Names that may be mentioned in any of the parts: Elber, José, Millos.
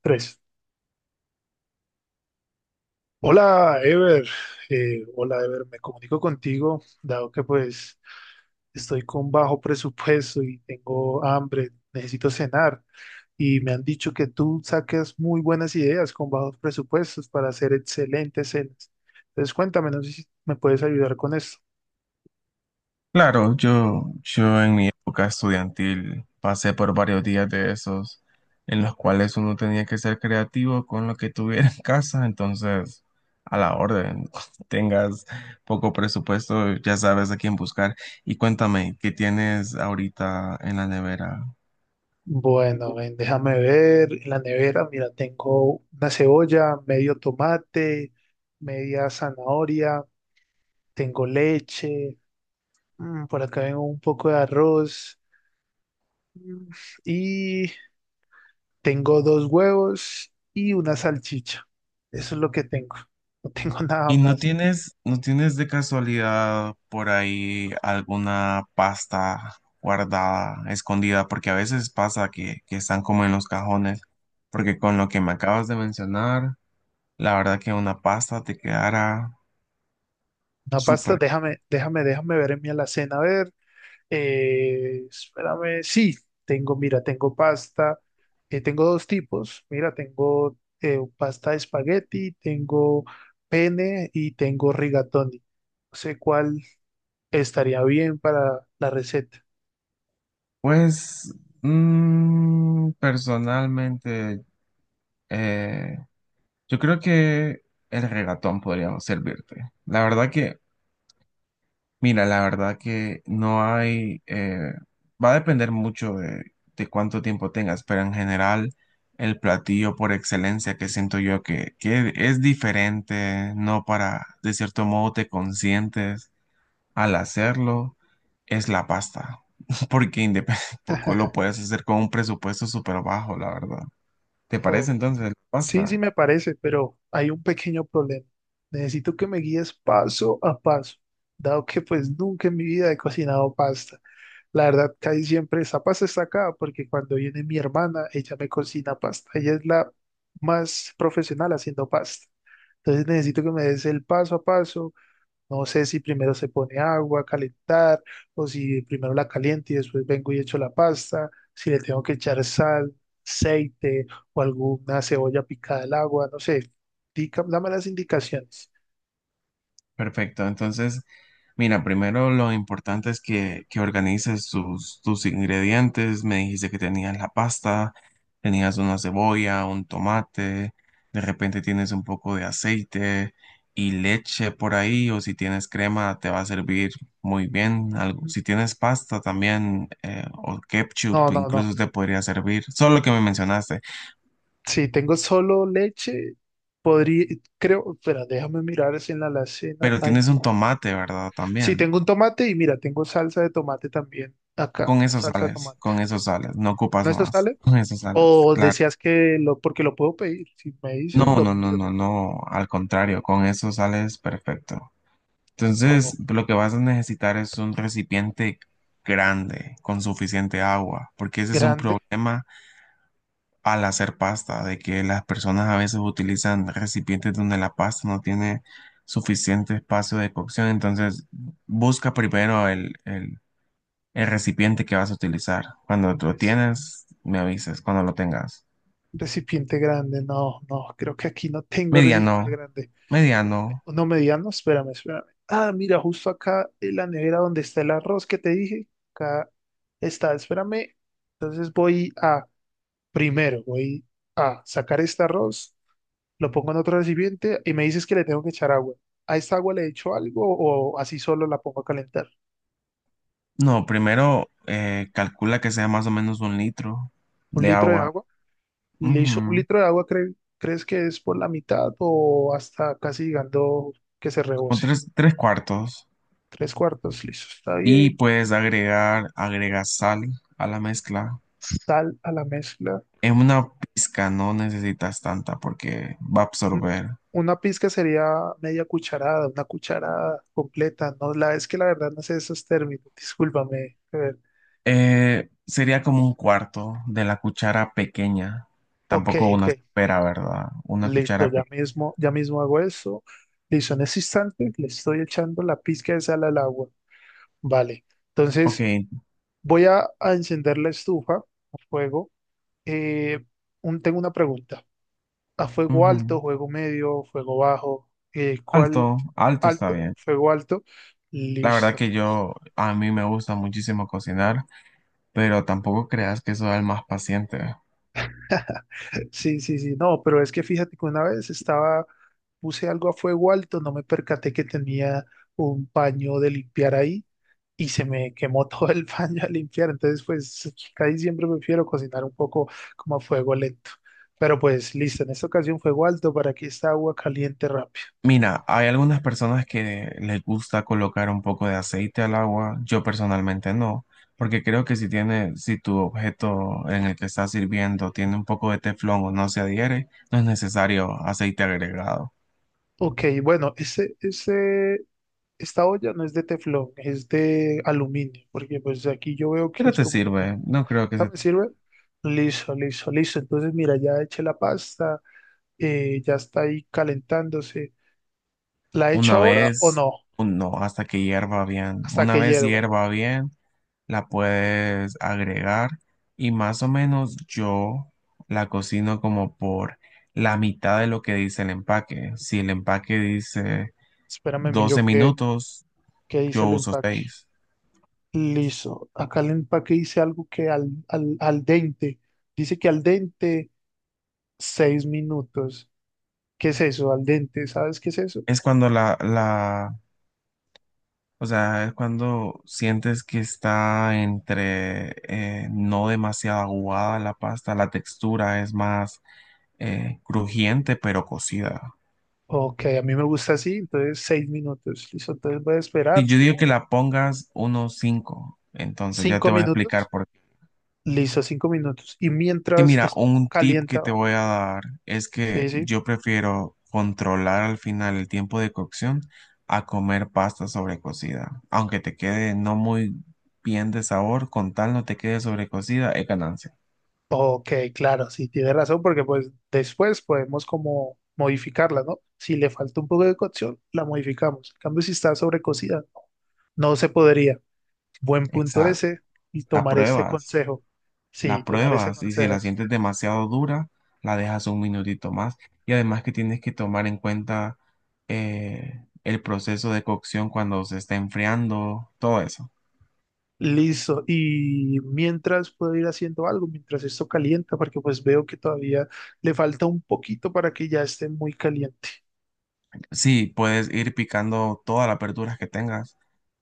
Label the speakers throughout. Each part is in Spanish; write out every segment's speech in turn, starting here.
Speaker 1: Tres. Hola, Ever. Hola, Ever. Me comunico contigo, dado que pues estoy con bajo presupuesto y tengo hambre, necesito cenar. Y me han dicho que tú saques muy buenas ideas con bajos presupuestos para hacer excelentes cenas. Entonces, cuéntame, no sé si me puedes ayudar con esto.
Speaker 2: Claro, yo en mi época estudiantil pasé por varios días de esos en los cuales uno tenía que ser creativo con lo que tuviera en casa, entonces a la orden, tengas poco presupuesto, ya sabes a quién buscar. Y cuéntame, ¿qué tienes ahorita en la nevera?
Speaker 1: Bueno, ven, déjame ver. En la nevera, mira, tengo una cebolla, medio tomate, media zanahoria, tengo leche. Por acá tengo un poco de arroz mm, y tengo dos huevos y una salchicha. Eso es lo que tengo. No tengo nada
Speaker 2: ¿Y no
Speaker 1: más.
Speaker 2: tienes, no tienes de casualidad por ahí alguna pasta guardada, escondida? Porque a veces pasa que están como en los cajones. Porque con lo que me acabas de mencionar, la verdad que una pasta te quedará
Speaker 1: Una pasta,
Speaker 2: súper.
Speaker 1: déjame ver en mi alacena. A ver, espérame. Sí, tengo, mira, tengo pasta. Tengo dos tipos. Mira, tengo pasta de espagueti, tengo pene y tengo rigatoni. No sé cuál estaría bien para la receta.
Speaker 2: Pues, personalmente, eh, yo creo que el regatón podría servirte. La verdad que Mira, la verdad que no hay, va a depender mucho de cuánto tiempo tengas, pero en general el platillo por excelencia que siento yo que es diferente, no para, de cierto modo te consientes al hacerlo, es la pasta, porque lo puedes hacer con un presupuesto súper bajo, la verdad. ¿Te parece
Speaker 1: Ok.
Speaker 2: entonces la
Speaker 1: Sí, sí
Speaker 2: pasta?
Speaker 1: me parece, pero hay un pequeño problema. Necesito que me guíes paso a paso, dado que pues nunca en mi vida he cocinado pasta. La verdad, casi siempre esa pasta está acá, porque cuando viene mi hermana, ella me cocina pasta. Ella es la más profesional haciendo pasta. Entonces necesito que me des el paso a paso, no sé si primero se pone agua a calentar o si primero la caliente y después vengo y echo la pasta, si le tengo que echar sal, aceite o alguna cebolla picada al agua, no sé. Dame las indicaciones.
Speaker 2: Perfecto. Entonces, mira, primero lo importante es que organices tus ingredientes. Me dijiste que tenías la pasta, tenías una cebolla, un tomate, de repente tienes un poco de aceite y leche por ahí, o si tienes crema te va a servir muy bien. Algo, si tienes pasta también, o
Speaker 1: No,
Speaker 2: ketchup,
Speaker 1: no, no.
Speaker 2: incluso te podría servir. Solo lo que me mencionaste.
Speaker 1: Si tengo solo leche, podría, creo, espera, déjame mirar si en la alacena
Speaker 2: Pero tienes
Speaker 1: hay.
Speaker 2: un tomate, ¿verdad?
Speaker 1: Si
Speaker 2: También.
Speaker 1: tengo un tomate y mira, tengo salsa de tomate también acá, salsa de tomate.
Speaker 2: Con eso sales, no ocupas
Speaker 1: ¿No eso
Speaker 2: más,
Speaker 1: sale?
Speaker 2: con eso sales,
Speaker 1: ¿O
Speaker 2: claro.
Speaker 1: deseas que lo, porque lo puedo pedir? Si me dices,
Speaker 2: No,
Speaker 1: lo
Speaker 2: no, no,
Speaker 1: pido.
Speaker 2: no, no, al contrario, con eso sales perfecto.
Speaker 1: O
Speaker 2: Entonces, lo que vas a necesitar es un recipiente grande, con suficiente agua, porque ese es un
Speaker 1: grande,
Speaker 2: problema al hacer pasta, de que las personas a veces utilizan recipientes donde la pasta no tiene suficiente espacio de cocción, entonces busca primero el recipiente que vas a utilizar. Cuando
Speaker 1: un
Speaker 2: tú lo
Speaker 1: res-
Speaker 2: tienes, me avisas, cuando lo tengas.
Speaker 1: un recipiente grande. No, no, creo que aquí no tengo recipiente
Speaker 2: Mediano,
Speaker 1: grande. Uno, me-
Speaker 2: mediano.
Speaker 1: uno mediano, espérame, espérame. Ah, mira, justo acá en la nevera donde está el arroz que te dije. Acá está, espérame. Entonces voy a, primero, voy a sacar este arroz, lo pongo en otro recipiente y me dices que le tengo que echar agua. ¿A esta agua le echo algo o así solo la pongo a calentar?
Speaker 2: No, primero calcula que sea más o menos 1 litro
Speaker 1: ¿Un
Speaker 2: de
Speaker 1: litro de
Speaker 2: agua.
Speaker 1: agua? Listo, un
Speaker 2: Ujú.
Speaker 1: litro de agua crees que es por la mitad o hasta casi llegando que se
Speaker 2: Como
Speaker 1: rebose.
Speaker 2: tres cuartos.
Speaker 1: Tres cuartos, listo, está
Speaker 2: Y
Speaker 1: bien.
Speaker 2: puedes agregar, agrega sal a la mezcla.
Speaker 1: Sal a la mezcla.
Speaker 2: En una pizca no necesitas tanta porque va a
Speaker 1: Un-
Speaker 2: absorber.
Speaker 1: Una pizca sería media cucharada, una cucharada completa. No, la es que la verdad no sé esos términos, discúlpame. A ver,
Speaker 2: Sería como un cuarto de la cuchara pequeña.
Speaker 1: ok,
Speaker 2: Tampoco
Speaker 1: ok,
Speaker 2: una supera, ¿verdad? Una
Speaker 1: listo,
Speaker 2: cuchara pequeña.
Speaker 1: ya mismo hago eso. Listo, en ese instante le estoy echando la pizca de sal al agua. Vale,
Speaker 2: Ok.
Speaker 1: entonces voy a encender la estufa a fuego. Eh, Tengo una pregunta. ¿A fuego alto,
Speaker 2: Ujú.
Speaker 1: fuego medio, fuego bajo? ¿Cuál
Speaker 2: Alto, alto está
Speaker 1: alto?
Speaker 2: bien.
Speaker 1: Fuego alto.
Speaker 2: La verdad
Speaker 1: Listo.
Speaker 2: que yo, a mí me gusta muchísimo cocinar, pero tampoco creas que soy el más paciente.
Speaker 1: Sí, sí, sí. No, pero es que fíjate que una vez estaba, puse algo a fuego alto, no me percaté que tenía un paño de limpiar ahí y se me quemó todo el paño a limpiar. Entonces, pues casi siempre prefiero cocinar un poco como a fuego lento. Pero pues listo, en esta ocasión fuego alto para que esta agua caliente rápido.
Speaker 2: Mira, hay algunas personas que les gusta colocar un poco de aceite al agua, yo personalmente no, porque creo que si tiene, si tu objeto en el que estás sirviendo tiene un poco de teflón o no se adhiere, no es necesario aceite agregado.
Speaker 1: Ok, bueno, ese, esta olla no es de teflón, es de aluminio, porque pues aquí yo veo que
Speaker 2: Pero
Speaker 1: es
Speaker 2: te
Speaker 1: como aluminio.
Speaker 2: sirve, no creo que
Speaker 1: ¿Ah,
Speaker 2: se...
Speaker 1: me sirve? Listo, listo, listo. Entonces, mira, ya eché la pasta, ya está ahí calentándose. ¿La echo
Speaker 2: Una
Speaker 1: ahora o
Speaker 2: vez,
Speaker 1: no?
Speaker 2: no, hasta que hierva bien.
Speaker 1: Hasta
Speaker 2: Una
Speaker 1: que
Speaker 2: vez
Speaker 1: hierva.
Speaker 2: hierva bien la puedes agregar y más o menos yo la cocino como por la mitad de lo que dice el empaque. Si el empaque dice
Speaker 1: Espérame, miro
Speaker 2: 12
Speaker 1: qué,
Speaker 2: minutos,
Speaker 1: qué dice
Speaker 2: yo
Speaker 1: el
Speaker 2: uso
Speaker 1: empaque.
Speaker 2: seis.
Speaker 1: Listo. Acá el empaque dice algo que al dente. Dice que al dente, 6 minutos. ¿Qué es eso? Al dente, ¿sabes qué es eso?
Speaker 2: Es cuando la, o sea, es cuando sientes que está entre no demasiado aguada la pasta, la textura es más crujiente pero cocida.
Speaker 1: Ok, a mí me gusta así, entonces 6 minutos, listo, entonces voy a
Speaker 2: Si
Speaker 1: esperar
Speaker 2: yo digo que la pongas unos 5 entonces ya
Speaker 1: cinco
Speaker 2: te voy a explicar
Speaker 1: minutos,
Speaker 2: por.
Speaker 1: listo, 5 minutos, y
Speaker 2: Que
Speaker 1: mientras
Speaker 2: mira,
Speaker 1: esto
Speaker 2: un tip que
Speaker 1: calienta,
Speaker 2: te voy a dar es
Speaker 1: sí,
Speaker 2: que
Speaker 1: sí,
Speaker 2: yo prefiero controlar al final el tiempo de cocción a comer pasta sobrecocida. Aunque te quede no muy bien de sabor, con tal no te quede sobrecocida, es ganancia.
Speaker 1: ok, claro, sí, tiene razón, porque pues después podemos como modificarla, ¿no? Si le falta un poco de cocción, la modificamos, en cambio si está sobrecocida, no, no se podría, buen punto
Speaker 2: Exacto.
Speaker 1: ese, y
Speaker 2: La
Speaker 1: tomar este
Speaker 2: pruebas,
Speaker 1: consejo, sí,
Speaker 2: la
Speaker 1: tomar ese
Speaker 2: pruebas y si
Speaker 1: consejo.
Speaker 2: la sientes demasiado dura, la dejas un minutito más. Y además que tienes que tomar en cuenta el proceso de cocción cuando se está enfriando, todo eso.
Speaker 1: Listo. Y mientras puedo ir haciendo algo, mientras esto calienta, porque pues veo que todavía le falta un poquito para que ya esté muy caliente.
Speaker 2: Sí, puedes ir picando todas las verduras que tengas,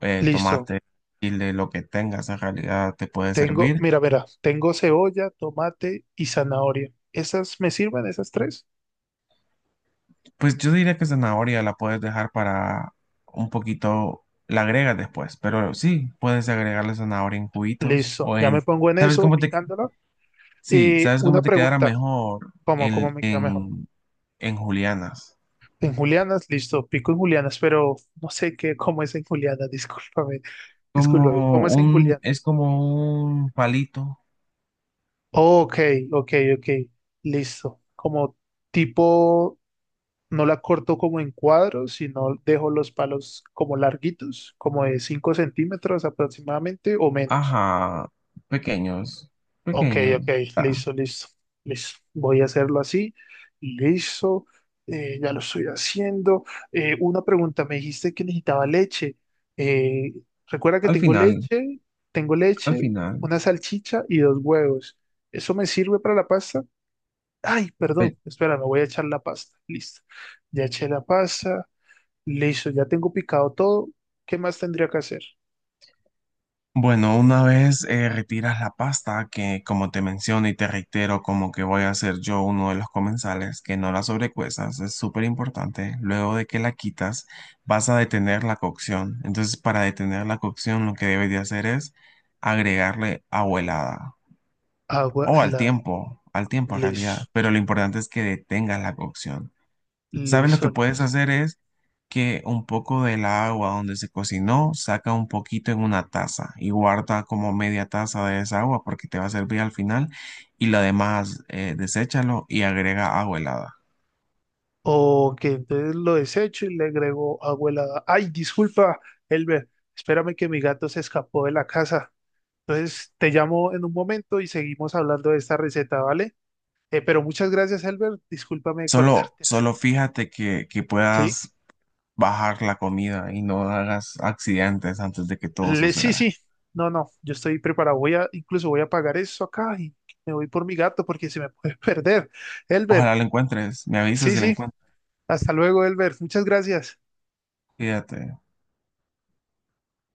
Speaker 1: Listo.
Speaker 2: tomate, chile, lo que tengas en realidad te puede
Speaker 1: Tengo,
Speaker 2: servir.
Speaker 1: mira, mira, tengo cebolla, tomate y zanahoria. ¿Esas me sirven, esas tres?
Speaker 2: Pues yo diría que zanahoria la puedes dejar para un poquito, la agregas después, pero sí, puedes agregarle zanahoria en juguitos
Speaker 1: Listo.
Speaker 2: o
Speaker 1: Ya
Speaker 2: en,
Speaker 1: me pongo en
Speaker 2: ¿sabes
Speaker 1: eso,
Speaker 2: cómo te,
Speaker 1: picándola.
Speaker 2: sí, sabes
Speaker 1: Una
Speaker 2: cómo te quedará
Speaker 1: pregunta,
Speaker 2: mejor
Speaker 1: ¿cómo
Speaker 2: en,
Speaker 1: me queda mejor?
Speaker 2: en julianas?
Speaker 1: En julianas, listo, pico en julianas, pero no sé qué, cómo es en julianas, discúlpame, discúlpame,
Speaker 2: Como
Speaker 1: ¿cómo es en
Speaker 2: un,
Speaker 1: julianas?
Speaker 2: es como un palito,
Speaker 1: Ok, ok, ok, listo. Como tipo, no la corto como en cuadros, sino dejo los palos como larguitos, como de 5 centímetros aproximadamente o menos.
Speaker 2: ajá, pequeños,
Speaker 1: Ok, ok,
Speaker 2: pequeños, ah,
Speaker 1: listo, listo, listo. Voy a hacerlo así. Listo, ya lo estoy haciendo. Una pregunta, me dijiste que necesitaba leche. Eh, Recuerda que
Speaker 2: al
Speaker 1: tengo
Speaker 2: final.
Speaker 1: leche, tengo
Speaker 2: al
Speaker 1: leche,
Speaker 2: final.
Speaker 1: una salchicha y dos huevos. ¿Eso me sirve para la pasta? Ay, perdón,
Speaker 2: eh,
Speaker 1: espera, me voy a echar la pasta. Listo. Ya eché la pasta. Listo, ya tengo picado todo. ¿Qué más tendría que hacer?
Speaker 2: Bueno, una vez retiras la pasta, que como te menciono y te reitero, como que voy a ser yo uno de los comensales, que no la sobrecuezas, es súper importante. Luego de que la quitas, vas a detener la cocción. Entonces, para detener la cocción, lo que debes de hacer es agregarle agua helada
Speaker 1: Agua
Speaker 2: o
Speaker 1: helada.
Speaker 2: al tiempo en realidad.
Speaker 1: Listo,
Speaker 2: Pero lo importante es que detengas la cocción. ¿Sabes lo que
Speaker 1: listo.
Speaker 2: puedes hacer es que un poco del agua donde se cocinó, saca un poquito en una taza y guarda como media taza de esa agua porque te va a servir al final y lo demás deséchalo y agrega agua helada.
Speaker 1: Ok, entonces lo desecho y le agrego agua helada. Ay, disculpa, Elber, espérame que mi gato se escapó de la casa. Entonces te llamo en un momento y seguimos hablando de esta receta, ¿vale? Pero muchas gracias, Elber. Discúlpame de
Speaker 2: Solo,
Speaker 1: cortarte.
Speaker 2: solo fíjate que
Speaker 1: ¿Sí?
Speaker 2: puedas bajar la comida y no hagas accidentes antes de que todo
Speaker 1: Sí,
Speaker 2: suceda.
Speaker 1: sí, no, no, yo estoy preparado. Voy a, incluso voy a pagar eso acá y me voy por mi gato porque se me puede perder. Elber,
Speaker 2: Ojalá lo encuentres, me avisas
Speaker 1: sí,
Speaker 2: si lo
Speaker 1: sí,
Speaker 2: encuentras,
Speaker 1: hasta luego, Elber. Muchas gracias.
Speaker 2: fíjate.